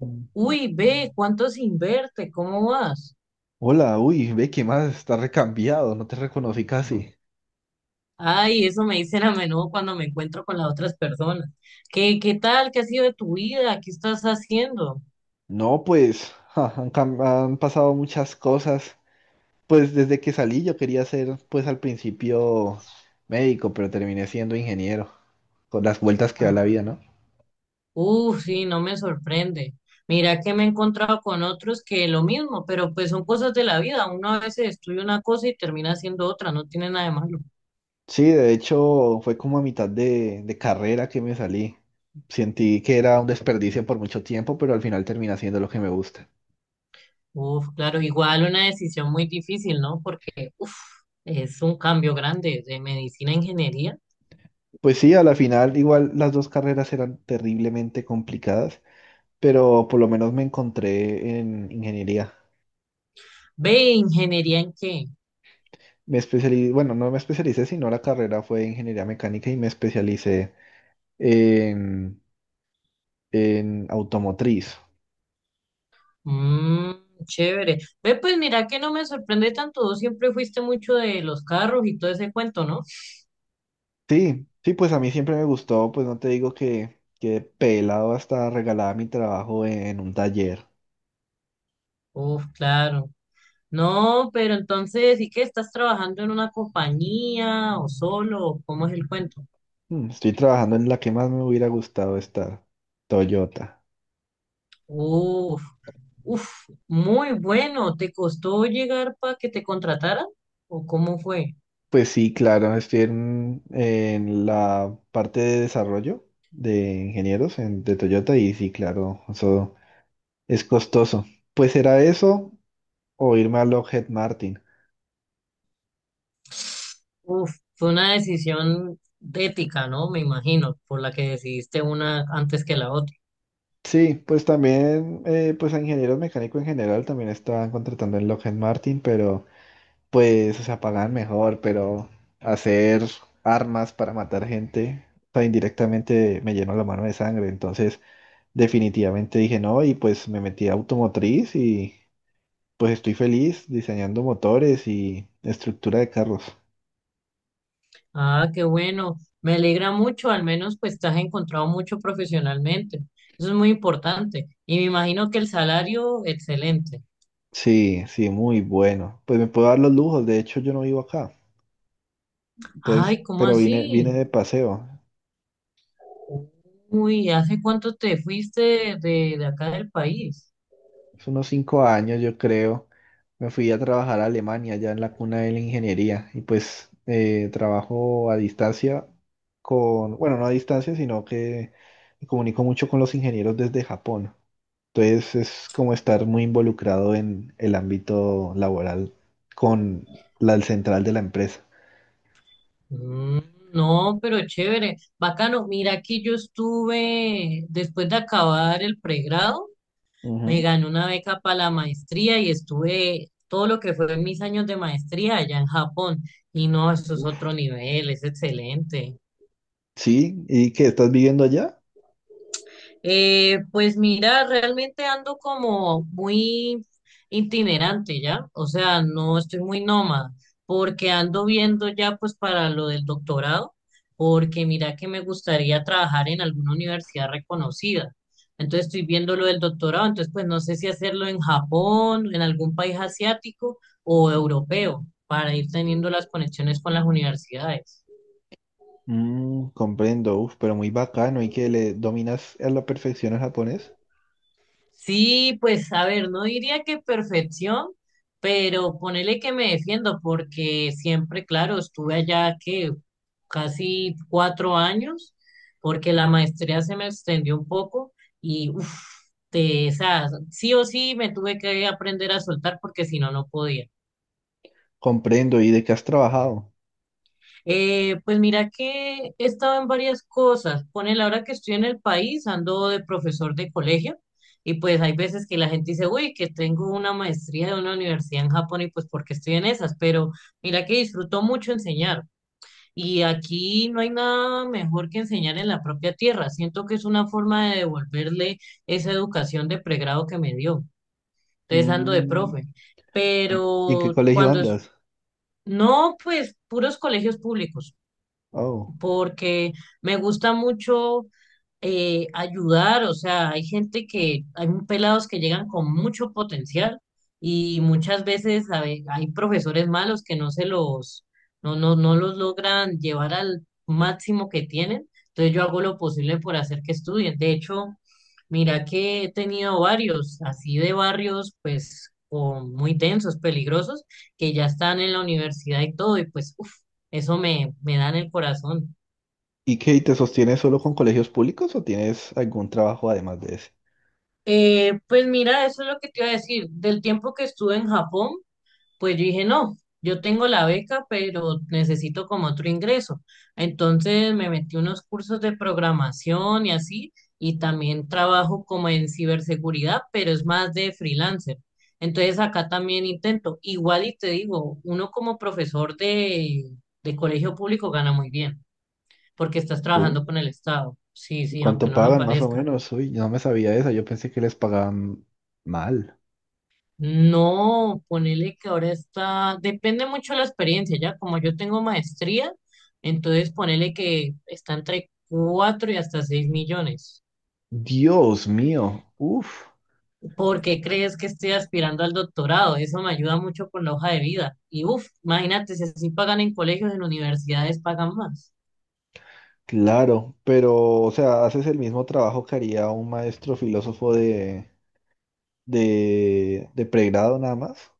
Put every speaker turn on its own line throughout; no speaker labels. Mm.
Uy, ve, ¿cuánto se inverte? ¿Cómo vas?
Hola, uy, ve que más está recambiado, no te reconocí casi.
Ay, eso me dicen a menudo cuando me encuentro con las otras personas. ¿Qué tal? ¿Qué ha sido de tu vida? ¿Qué estás haciendo?
No, pues ja, han pasado muchas cosas. Pues desde que salí yo quería ser, pues al principio médico, pero terminé siendo ingeniero, con las vueltas que da la
Ah,
vida, ¿no?
uf, sí, no me sorprende. Mira que me he encontrado con otros que lo mismo, pero pues son cosas de la vida. Uno a veces estudia una cosa y termina haciendo otra, no tiene nada de malo.
Sí, de hecho fue como a mitad de carrera que me salí. Sentí que era un desperdicio por mucho tiempo, pero al final terminé haciendo lo que me gusta.
Uf, claro, igual una decisión muy difícil, ¿no? Porque, uf, es un cambio grande de medicina a ingeniería.
Pues sí, a la final igual las dos carreras eran terriblemente complicadas, pero por lo menos me encontré en ingeniería.
Ve, ¿ingeniería en qué?
Me especialicé, bueno, no me especialicé, sino la carrera fue ingeniería mecánica y me especialicé en, en automotriz.
Mm, Chévere. Ve, pues mira que no me sorprende tanto. Vos siempre fuiste mucho de los carros y todo ese cuento, ¿no?
Sí, sí, pues a mí siempre me gustó, pues no te digo que pelado hasta regalada mi trabajo en un taller.
Uf, claro. No, pero entonces sí que estás trabajando en una compañía o solo, o ¿cómo es el cuento?
Estoy trabajando en la que más me hubiera gustado estar, Toyota.
Uf, uf, muy bueno. ¿Te costó llegar para que te contrataran? ¿O cómo fue?
Pues sí, claro, estoy en la parte de desarrollo de ingenieros de Toyota y sí, claro, eso es costoso. Pues era eso o irme a Lockheed Martin.
Uf, fue una decisión ética, ¿no? Me imagino, por la que decidiste una antes que la otra.
Sí, pues también, pues a ingenieros mecánicos en general también estaban contratando en Lockheed Martin, pero pues, o sea, pagan mejor, pero hacer armas para matar gente, o sea, indirectamente me llenó la mano de sangre. Entonces, definitivamente dije no y pues me metí a automotriz y pues estoy feliz diseñando motores y estructura de carros.
Ah, qué bueno. Me alegra mucho, al menos pues te has encontrado mucho profesionalmente. Eso es muy importante. Y me imagino que el salario, excelente.
Sí, sí, muy bueno. Pues me puedo dar los lujos, de hecho yo no vivo acá. Entonces,
Ay, ¿cómo
pero
así?
vine de paseo.
Uy, ¿hace cuánto te fuiste de acá del país?
Hace unos 5 años, yo creo, me fui a trabajar a Alemania, ya en la cuna de la ingeniería. Y pues trabajo a distancia con, bueno, no a distancia, sino que me comunico mucho con los ingenieros desde Japón. Entonces es como estar muy involucrado en el ámbito laboral con la central de la empresa.
Mm, no, pero chévere. Bacano, mira, aquí yo estuve, después de acabar el pregrado, me
Ujú.
gané una beca para la maestría y estuve todo lo que fue mis años de maestría allá en Japón. Y no, eso es
Uf.
otro nivel, es excelente.
Sí, ¿y qué estás viviendo allá?
Pues mira, realmente ando como muy itinerante ya, o sea, no estoy muy nómada, porque ando viendo ya pues para lo del doctorado, porque mira que me gustaría trabajar en alguna universidad reconocida. Entonces estoy viendo lo del doctorado, entonces pues no sé si hacerlo en Japón, en algún país asiático o europeo, para ir teniendo las conexiones con las universidades.
Mm, comprendo, uf, pero muy bacano y que le dominas a la perfección el japonés.
Sí, pues a ver, no diría que perfección, pero ponele que me defiendo porque siempre, claro, estuve allá que casi 4 años, porque la maestría se me extendió un poco y uff, sí o sí me tuve que aprender a soltar porque si no, no podía.
Comprendo, ¿y de qué has trabajado?
Pues mira que he estado en varias cosas. Pone la hora que estoy en el país, ando de profesor de colegio y pues hay veces que la gente dice, uy, que tengo una maestría de una universidad en Japón y pues porque estoy en esas, pero mira que disfruto mucho enseñar y aquí no hay nada mejor que enseñar en la propia tierra. Siento que es una forma de devolverle esa educación de pregrado que me dio. Entonces ando de
Mm,
profe,
¿y en qué
pero
colegio
cuando es.
andas?
No, pues puros colegios públicos
Oh.
porque me gusta mucho ayudar, o sea, hay gente hay pelados que llegan con mucho potencial y muchas veces hay profesores malos que no, no, no los logran llevar al máximo que tienen, entonces yo hago lo posible por hacer que estudien. De hecho, mira que he tenido varios, así de barrios, pues, muy tensos, peligrosos, que ya están en la universidad y todo, y pues, uff, eso me da en el corazón.
¿Y qué, te sostienes solo con colegios públicos o tienes algún trabajo además de ese?
Pues mira, eso es lo que te iba a decir. Del tiempo que estuve en Japón, pues yo dije, no, yo tengo la beca, pero necesito como otro ingreso. Entonces me metí unos cursos de programación y así, y también trabajo como en ciberseguridad, pero es más de freelancer. Entonces acá también intento. Igual y te digo, uno como profesor de colegio público gana muy bien, porque estás trabajando
¿Sí?
con el Estado. Sí,
¿Y
sí, aunque
cuánto
no lo
pagan más o
parezca.
menos? Uy, no me sabía eso, yo pensé que les pagaban mal.
No, ponele que ahora está, depende mucho de la experiencia, ya como yo tengo maestría, entonces ponele que está entre 4 y hasta 6 millones.
Dios mío, uf,
¿Por qué crees que estoy aspirando al doctorado? Eso me ayuda mucho con la hoja de vida. Y uff, imagínate, si así pagan en colegios, en universidades pagan más.
claro, pero, o sea, haces el mismo trabajo que haría un maestro filósofo de de pregrado nada más.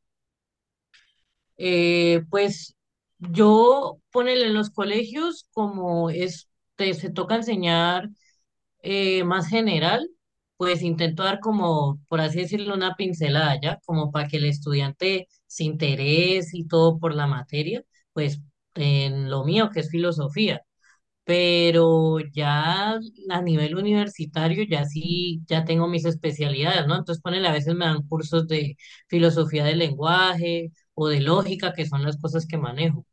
Pues yo ponele en los colegios como es, se toca enseñar. Más general, pues intento dar como, por así decirlo, una pincelada ya, como para que el estudiante se interese y todo por la materia, pues en lo mío que es filosofía. Pero ya a nivel universitario, ya sí, ya tengo mis especialidades, ¿no? Entonces, ponele, a veces me dan cursos de filosofía del lenguaje o de lógica, que son las cosas que manejo.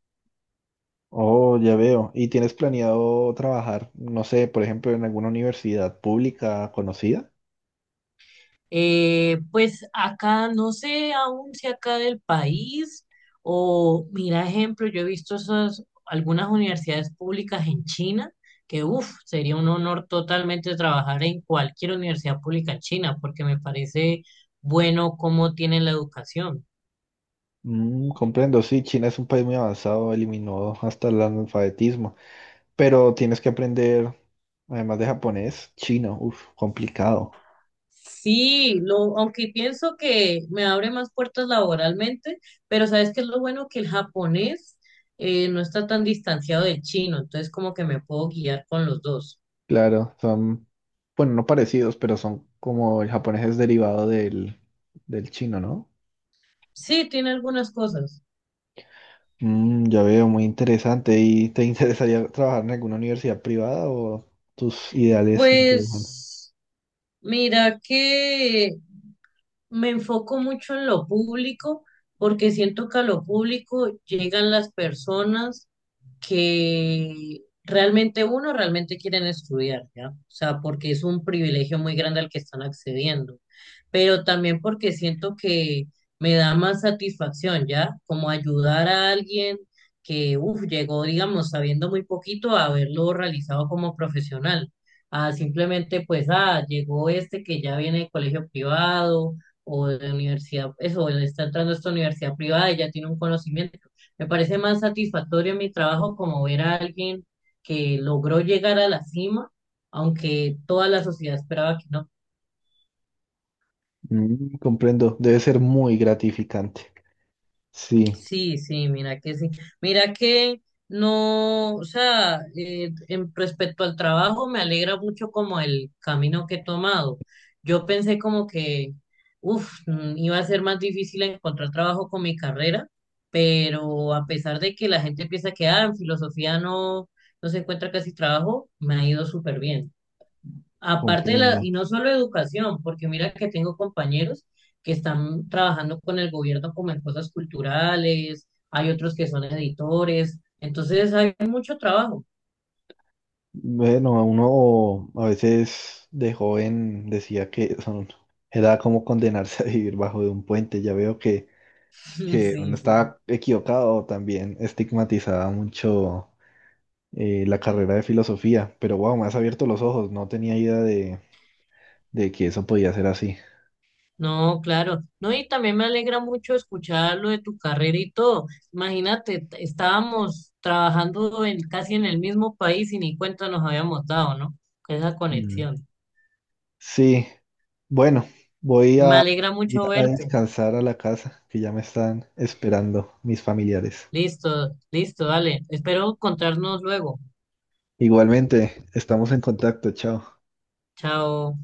Oh, ya veo. ¿Y tienes planeado trabajar, no sé, por ejemplo, en alguna universidad pública conocida?
Pues acá, no sé aún si acá del país o, mira, ejemplo, yo he visto esas, algunas universidades públicas en China, que, uff, sería un honor totalmente trabajar en cualquier universidad pública en China, porque me parece bueno cómo tienen la educación.
Mm, comprendo, sí, China es un país muy avanzado, eliminó hasta el analfabetismo, pero tienes que aprender, además de japonés, chino, uf, complicado.
Sí, aunque pienso que me abre más puertas laboralmente, pero ¿sabes que es lo bueno? Que el japonés no está tan distanciado del chino, entonces como que me puedo guiar con los dos.
Claro, son, bueno, no parecidos, pero son como el japonés es derivado del chino, ¿no?
Sí, tiene algunas cosas.
Mm, ya veo, muy interesante. ¿Y te interesaría trabajar en alguna universidad privada o tus ideales no te dejan?
Pues mira que me enfoco mucho en lo público porque siento que a lo público llegan las personas que realmente uno realmente quieren estudiar, ¿ya? O sea, porque es un privilegio muy grande al que están accediendo, pero también porque siento que me da más satisfacción, ¿ya? Como ayudar a alguien que, uff, llegó, digamos, sabiendo muy poquito a haberlo realizado como profesional, a simplemente, pues, ah, llegó este que ya viene de colegio privado o de universidad, eso, él está entrando a esta universidad privada y ya tiene un conocimiento, me parece más satisfactorio mi trabajo como ver a alguien que logró llegar a la cima, aunque toda la sociedad esperaba que no.
Mm, comprendo, debe ser muy gratificante. Sí,
Sí, sí. Mira que no, o sea, en respecto al trabajo me alegra mucho como el camino que he tomado. Yo pensé como que, uff, iba a ser más difícil encontrar trabajo con mi carrera, pero a pesar de que la gente piensa que, ah, en filosofía no, no se encuentra casi trabajo, me ha ido súper bien. Aparte de
comprendo.
y no solo educación, porque mira que tengo compañeros que están trabajando con el gobierno como en cosas culturales, hay otros que son editores, entonces hay mucho trabajo.
Bueno, a uno a veces de joven decía que son, era como condenarse a vivir bajo de un puente. Ya veo que uno
Sí, sí.
estaba equivocado, también estigmatizaba mucho la carrera de filosofía. Pero wow, me has abierto los ojos, no tenía idea de que eso podía ser así.
No, claro. No, y también me alegra mucho escuchar lo de tu carrera y todo. Imagínate, estábamos trabajando en, casi en el mismo país y ni cuenta nos habíamos dado, ¿no? Con esa
Mm.
conexión.
Sí, bueno, voy
Me
a
alegra
ir
mucho
a
verte.
descansar a la casa, que ya me están esperando mis familiares.
Listo, listo, dale. Espero encontrarnos luego.
Igualmente, estamos en contacto, chao.
Chao.